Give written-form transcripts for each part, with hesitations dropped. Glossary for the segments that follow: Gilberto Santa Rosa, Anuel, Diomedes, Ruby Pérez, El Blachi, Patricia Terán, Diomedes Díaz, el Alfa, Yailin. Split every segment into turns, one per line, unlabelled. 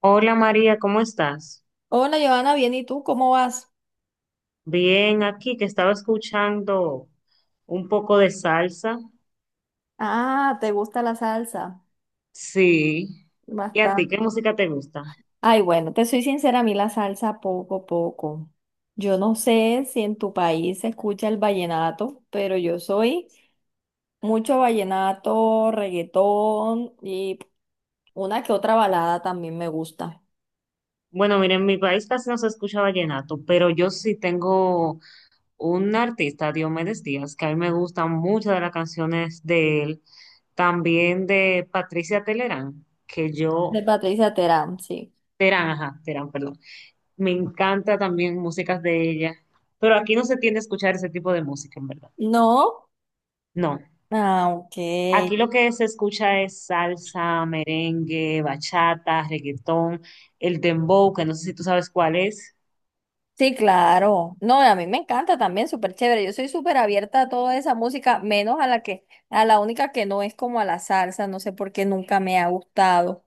Hola María, ¿cómo estás?
Hola, Giovanna, bien, ¿y tú cómo vas?
Bien, aquí que estaba escuchando un poco de salsa.
Ah, ¿te gusta la salsa?
Sí. ¿Y a ti
Bastante.
qué música te gusta?
Ay, bueno, te soy sincera, a mí la salsa poco, poco. Yo no sé si en tu país se escucha el vallenato, pero yo soy mucho vallenato, reggaetón y una que otra balada también me gusta.
Bueno, mira, en mi país casi no se escucha vallenato, pero yo sí tengo un artista, Diomedes Díaz, que a mí me gustan muchas de las canciones de él, también de Patricia Telerán, que
De
yo,
Patricia Terán, sí.
Terán, ajá, Terán, perdón. Me encanta también músicas de ella, pero aquí no se tiende a escuchar ese tipo de música, en verdad.
¿No?
No.
Ah,
Aquí
ok.
lo que se escucha es salsa, merengue, bachata, reggaetón, el dembow, que no sé si tú sabes cuál es.
Sí, claro. No, a mí me encanta también, súper chévere. Yo soy súper abierta a toda esa música, menos a la única que no es como a la salsa, no sé por qué nunca me ha gustado.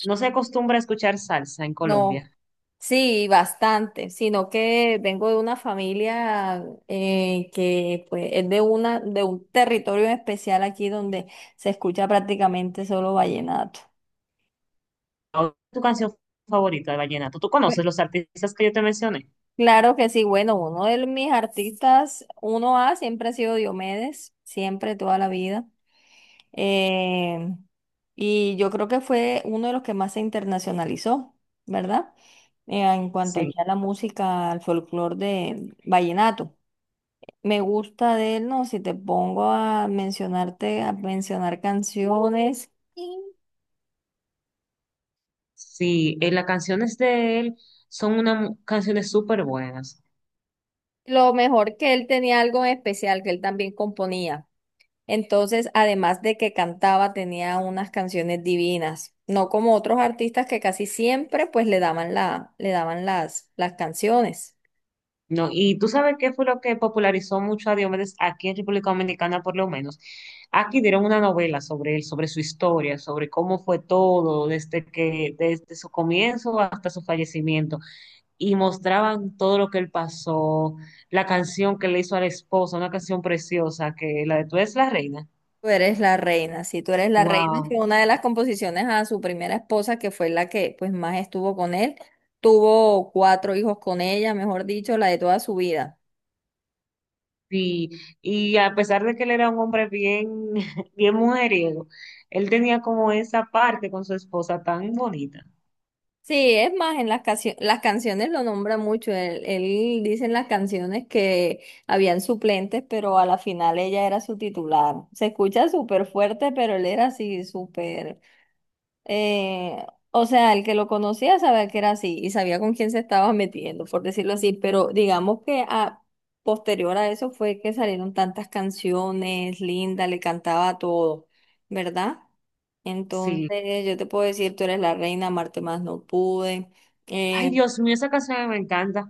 No se acostumbra a escuchar salsa en
No,
Colombia.
sí, bastante, sino que vengo de una familia que pues es de un territorio en especial aquí donde se escucha prácticamente solo vallenato.
¿Cuál es tu canción favorita de vallenato? ¿Tú
Bueno,
conoces los artistas que yo te mencioné?
claro que sí, bueno, uno de mis artistas, uno A, siempre ha sido Diomedes, siempre, toda la vida. Eh, y yo creo que fue uno de los que más se internacionalizó, ¿verdad? En cuanto
Sí,
aquí a la música, al folclore de vallenato. Me gusta de él, ¿no? Si te pongo a mencionar canciones,
sí, las canciones de él son unas canciones súper buenas.
lo mejor que él tenía algo en especial, que él también componía. Entonces, además de que cantaba, tenía unas canciones divinas, no como otros artistas que casi siempre pues le daban las canciones.
No, y tú sabes qué fue lo que popularizó mucho a Diomedes aquí en República Dominicana, por lo menos. Aquí dieron una novela sobre él, sobre su historia, sobre cómo fue todo, desde su comienzo hasta su fallecimiento, y mostraban todo lo que él pasó, la canción que le hizo a la esposa, una canción preciosa, que la de Tú eres la reina.
Tú eres la reina, sí, tú eres la reina, que
Wow.
una de las composiciones a su primera esposa, que fue la que pues más estuvo con él, tuvo 4 hijos con ella, mejor dicho, la de toda su vida.
Sí, y a pesar de que él era un hombre bien, bien mujeriego, él tenía como esa parte con su esposa tan bonita.
Sí, es más, las canciones lo nombra mucho, él dice en las canciones que habían suplentes, pero a la final ella era su titular. Se escucha súper fuerte, pero él era así súper. Eh, o sea, el que lo conocía sabía que era así y sabía con quién se estaba metiendo, por decirlo así, pero digamos que a posterior a eso fue que salieron tantas canciones, Linda le cantaba a todo, ¿verdad?
Sí.
Entonces yo te puedo decir, tú eres la reina, Marte más no pude.
Ay,
Eh,
Dios mío, esa canción me encanta.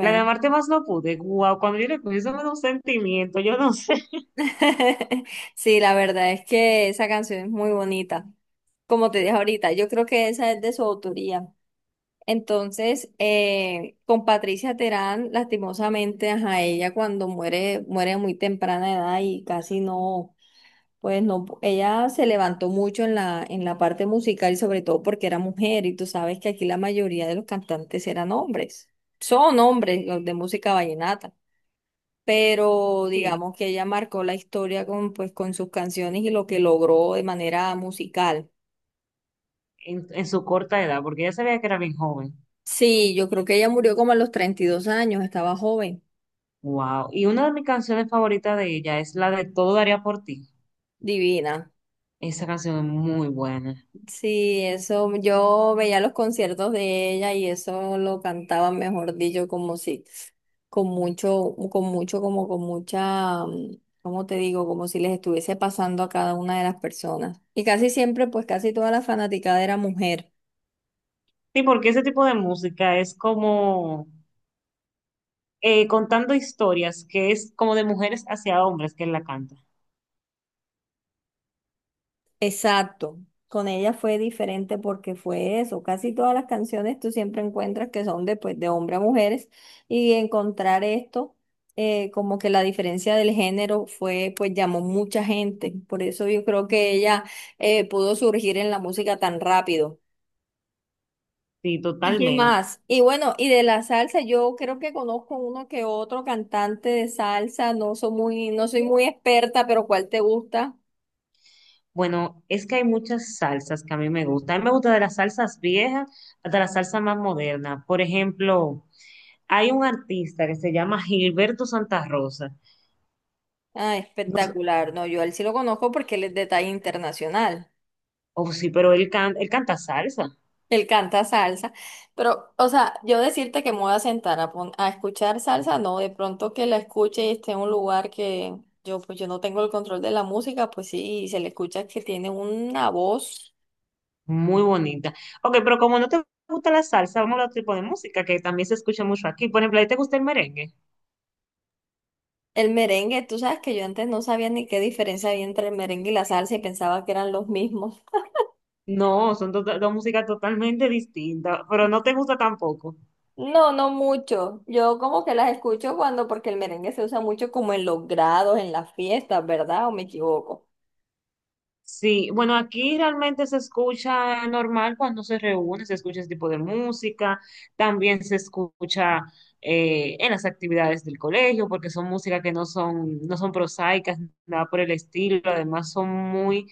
La de Amarte Más No Pude. Guau, cuando yo le escuché, eso me da un sentimiento. Yo no sé
sí, la verdad es que esa canción es muy bonita. Como te dije ahorita, yo creo que esa es de su autoría. Entonces, con Patricia Terán, lastimosamente, ajá, ella cuando muere, muere a muy temprana edad y casi no, pues no, ella se levantó mucho en la parte musical y sobre todo porque era mujer y tú sabes que aquí la mayoría de los cantantes eran hombres, son hombres los de música vallenata, pero
sí,
digamos que ella marcó la historia con, pues, con sus canciones y lo que logró de manera musical.
en su corta edad, porque ella sabía que era bien joven.
Sí, yo creo que ella murió como a los 32 años, estaba joven,
Wow. Y una de mis canciones favoritas de ella es la de Todo daría por ti.
divina.
Esa canción es muy buena.
Sí, eso, yo veía los conciertos de ella y eso lo cantaba, mejor dicho, como si, como con mucha, ¿cómo te digo? Como si les estuviese pasando a cada una de las personas. Y casi siempre, pues casi toda la fanaticada era mujer.
Sí, porque ese tipo de música es como contando historias, que es como de mujeres hacia hombres que él la canta.
Exacto. Con ella fue diferente porque fue eso. Casi todas las canciones tú siempre encuentras que son de, pues, de hombre a mujeres y encontrar esto, como que la diferencia del género fue, pues llamó mucha gente. Por eso yo creo que ella pudo surgir en la música tan rápido.
Sí,
¿Y qué
totalmente.
más? Y bueno, y de la salsa, yo creo que conozco uno que otro cantante de salsa. No soy muy experta, pero ¿cuál te gusta?
Bueno, es que hay muchas salsas que a mí me gustan. A mí me gusta de las salsas viejas hasta las salsas más modernas. Por ejemplo, hay un artista que se llama Gilberto Santa Rosa.
Ah,
No sé-
espectacular. No, yo a él sí lo conozco porque él es de talla internacional.
oh, sí, pero él, él canta salsa.
Él canta salsa. Pero, o sea, yo decirte que me voy a sentar a escuchar salsa, no, de pronto que la escuche y esté en un lugar que yo, pues yo no tengo el control de la música, pues sí, y se le escucha que tiene una voz.
Muy bonita. Ok, pero como no te gusta la salsa, vamos a otro tipo de música que también se escucha mucho aquí. Por ejemplo, ¿a ti te gusta el merengue?
El merengue, tú sabes que yo antes no sabía ni qué diferencia había entre el merengue y la salsa y pensaba que eran los mismos.
No, son dos músicas totalmente distintas, pero no te gusta tampoco.
No, no mucho. Yo como que las escucho cuando, porque el merengue se usa mucho como en los grados, en las fiestas, ¿verdad? ¿O me equivoco?
Sí, bueno, aquí realmente se escucha normal cuando se reúne, se escucha ese tipo de música, también se escucha en las actividades del colegio, porque son música que no son prosaicas, nada por el estilo, además son muy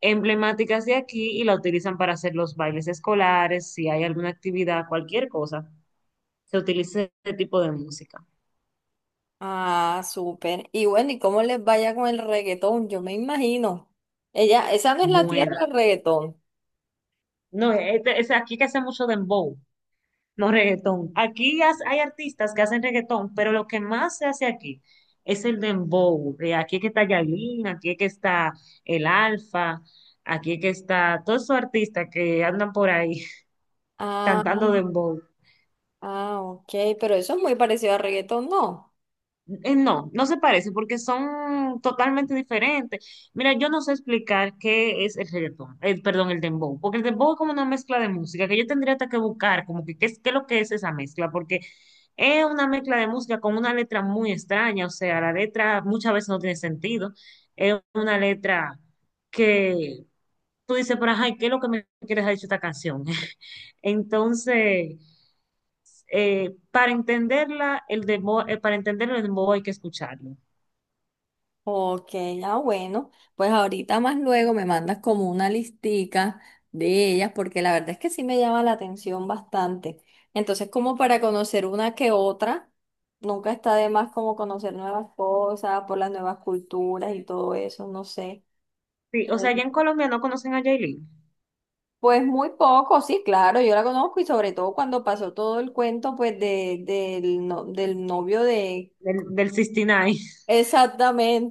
emblemáticas de aquí y la utilizan para hacer los bailes escolares, si hay alguna actividad, cualquier cosa, se utiliza este tipo de música.
Ah, súper. Y bueno, ¿y cómo les vaya con el reggaetón? Yo me imagino. Ella, esa no es la tierra
Bueno,
del reggaetón.
no, es aquí que hace mucho dembow. No reggaetón. Aquí hay artistas que hacen reggaetón, pero lo que más se hace aquí es el dembow. Aquí es que está Yailin, aquí es que está el Alfa, aquí es que está todos esos artistas que andan por ahí
Ah,
cantando dembow.
ah, ok, pero eso es muy parecido al reggaetón, ¿no?
No, no se parece porque son totalmente diferentes. Mira, yo no sé explicar qué es el reggaetón, perdón, el dembow, porque el dembow es como una mezcla de música que yo tendría hasta que buscar, como que qué es lo que es esa mezcla, porque es una mezcla de música con una letra muy extraña, o sea, la letra muchas veces no tiene sentido, es una letra que tú dices, pero ay, ¿qué es lo que me quieres decir esta canción? Entonces para entenderla, el demo, para entenderlo, el dembow hay que escucharlo.
Ok, ah bueno, pues ahorita más luego me mandas como una listica de ellas porque la verdad es que sí me llama la atención bastante. Entonces, como para conocer una que otra, nunca está de más como conocer nuevas cosas, por las nuevas culturas y todo eso, no sé.
Sí, o sea, allá en
Sí.
Colombia no conocen a Yailin,
Pues muy poco, sí, claro, yo la conozco y sobre todo cuando pasó todo el cuento pues de, del, no- del novio de...
del 69 y nueve,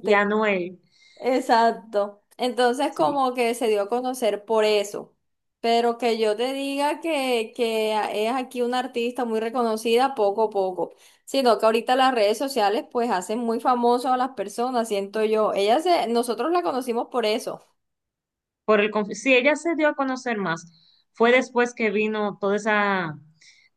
y a Anuel.
Exacto. Entonces
Sí.
como que se dio a conocer por eso. Pero que yo te diga que es aquí una artista muy reconocida poco a poco. Sino que ahorita las redes sociales pues hacen muy famoso a las personas, siento yo. Ella se, nosotros la conocimos por eso.
Sí, ella se dio a conocer más. Fue después que vino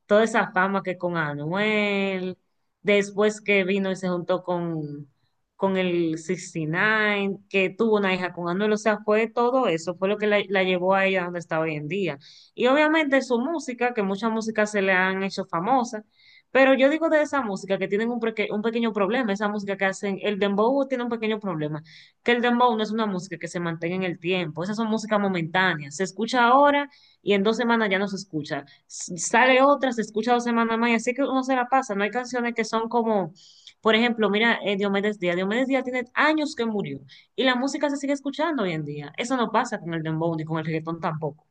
toda esa fama que con Anuel, después que vino y se juntó con el 69, que tuvo una hija con Anuel, o sea, fue todo eso, fue lo que la llevó a ella donde está hoy en día. Y obviamente su música, que muchas músicas se le han hecho famosas, pero yo digo de esa música que tienen un, un pequeño problema, esa música que hacen, el dembow tiene un pequeño problema que el dembow no es una música que se mantenga en el tiempo, esas son músicas momentáneas, se escucha ahora y en 2 semanas ya no se escucha, sale otra, se escucha 2 semanas más y así que uno se la pasa, no hay canciones que son como, por ejemplo, mira Diomedes Díaz, Diomedes Díaz tiene años que murió y la música se sigue escuchando hoy en día, eso no pasa con el dembow ni con el reggaetón tampoco.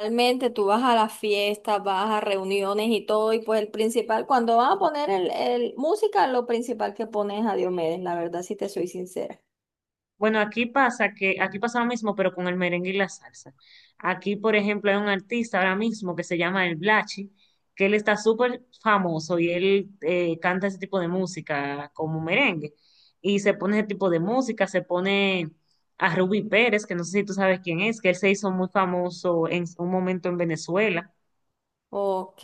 Realmente tú vas a las fiestas, vas a reuniones y todo, y pues el principal, cuando van a poner el música, lo principal que pones es a Diomedes, la verdad, si te soy sincera.
Bueno, aquí pasa que, aquí pasa lo mismo, pero con el merengue y la salsa. Aquí, por ejemplo, hay un artista ahora mismo que se llama El Blachi, que él está súper famoso y él canta ese tipo de música como merengue. Y se pone ese tipo de música, se pone a Ruby Pérez, que no sé si tú sabes quién es, que él se hizo muy famoso en un momento en Venezuela.
Ok,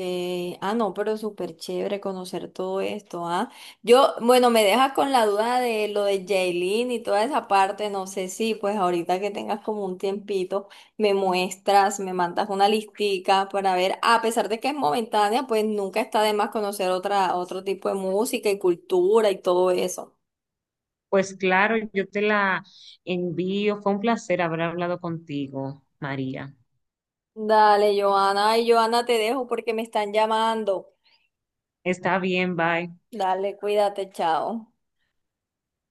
ah no, pero súper chévere conocer todo esto, ¿ah? Yo, bueno, me dejas con la duda de lo de Jailin y toda esa parte, no sé si pues ahorita que tengas como un tiempito, me muestras, me mandas una listica para ver, a pesar de que es momentánea, pues nunca está de más conocer otra, otro tipo de música y cultura y todo eso.
Pues claro, yo te la envío. Fue un placer haber hablado contigo, María.
Dale, Joana, ay, Joana, te dejo porque me están llamando.
Está bien, bye.
Dale, cuídate, chao.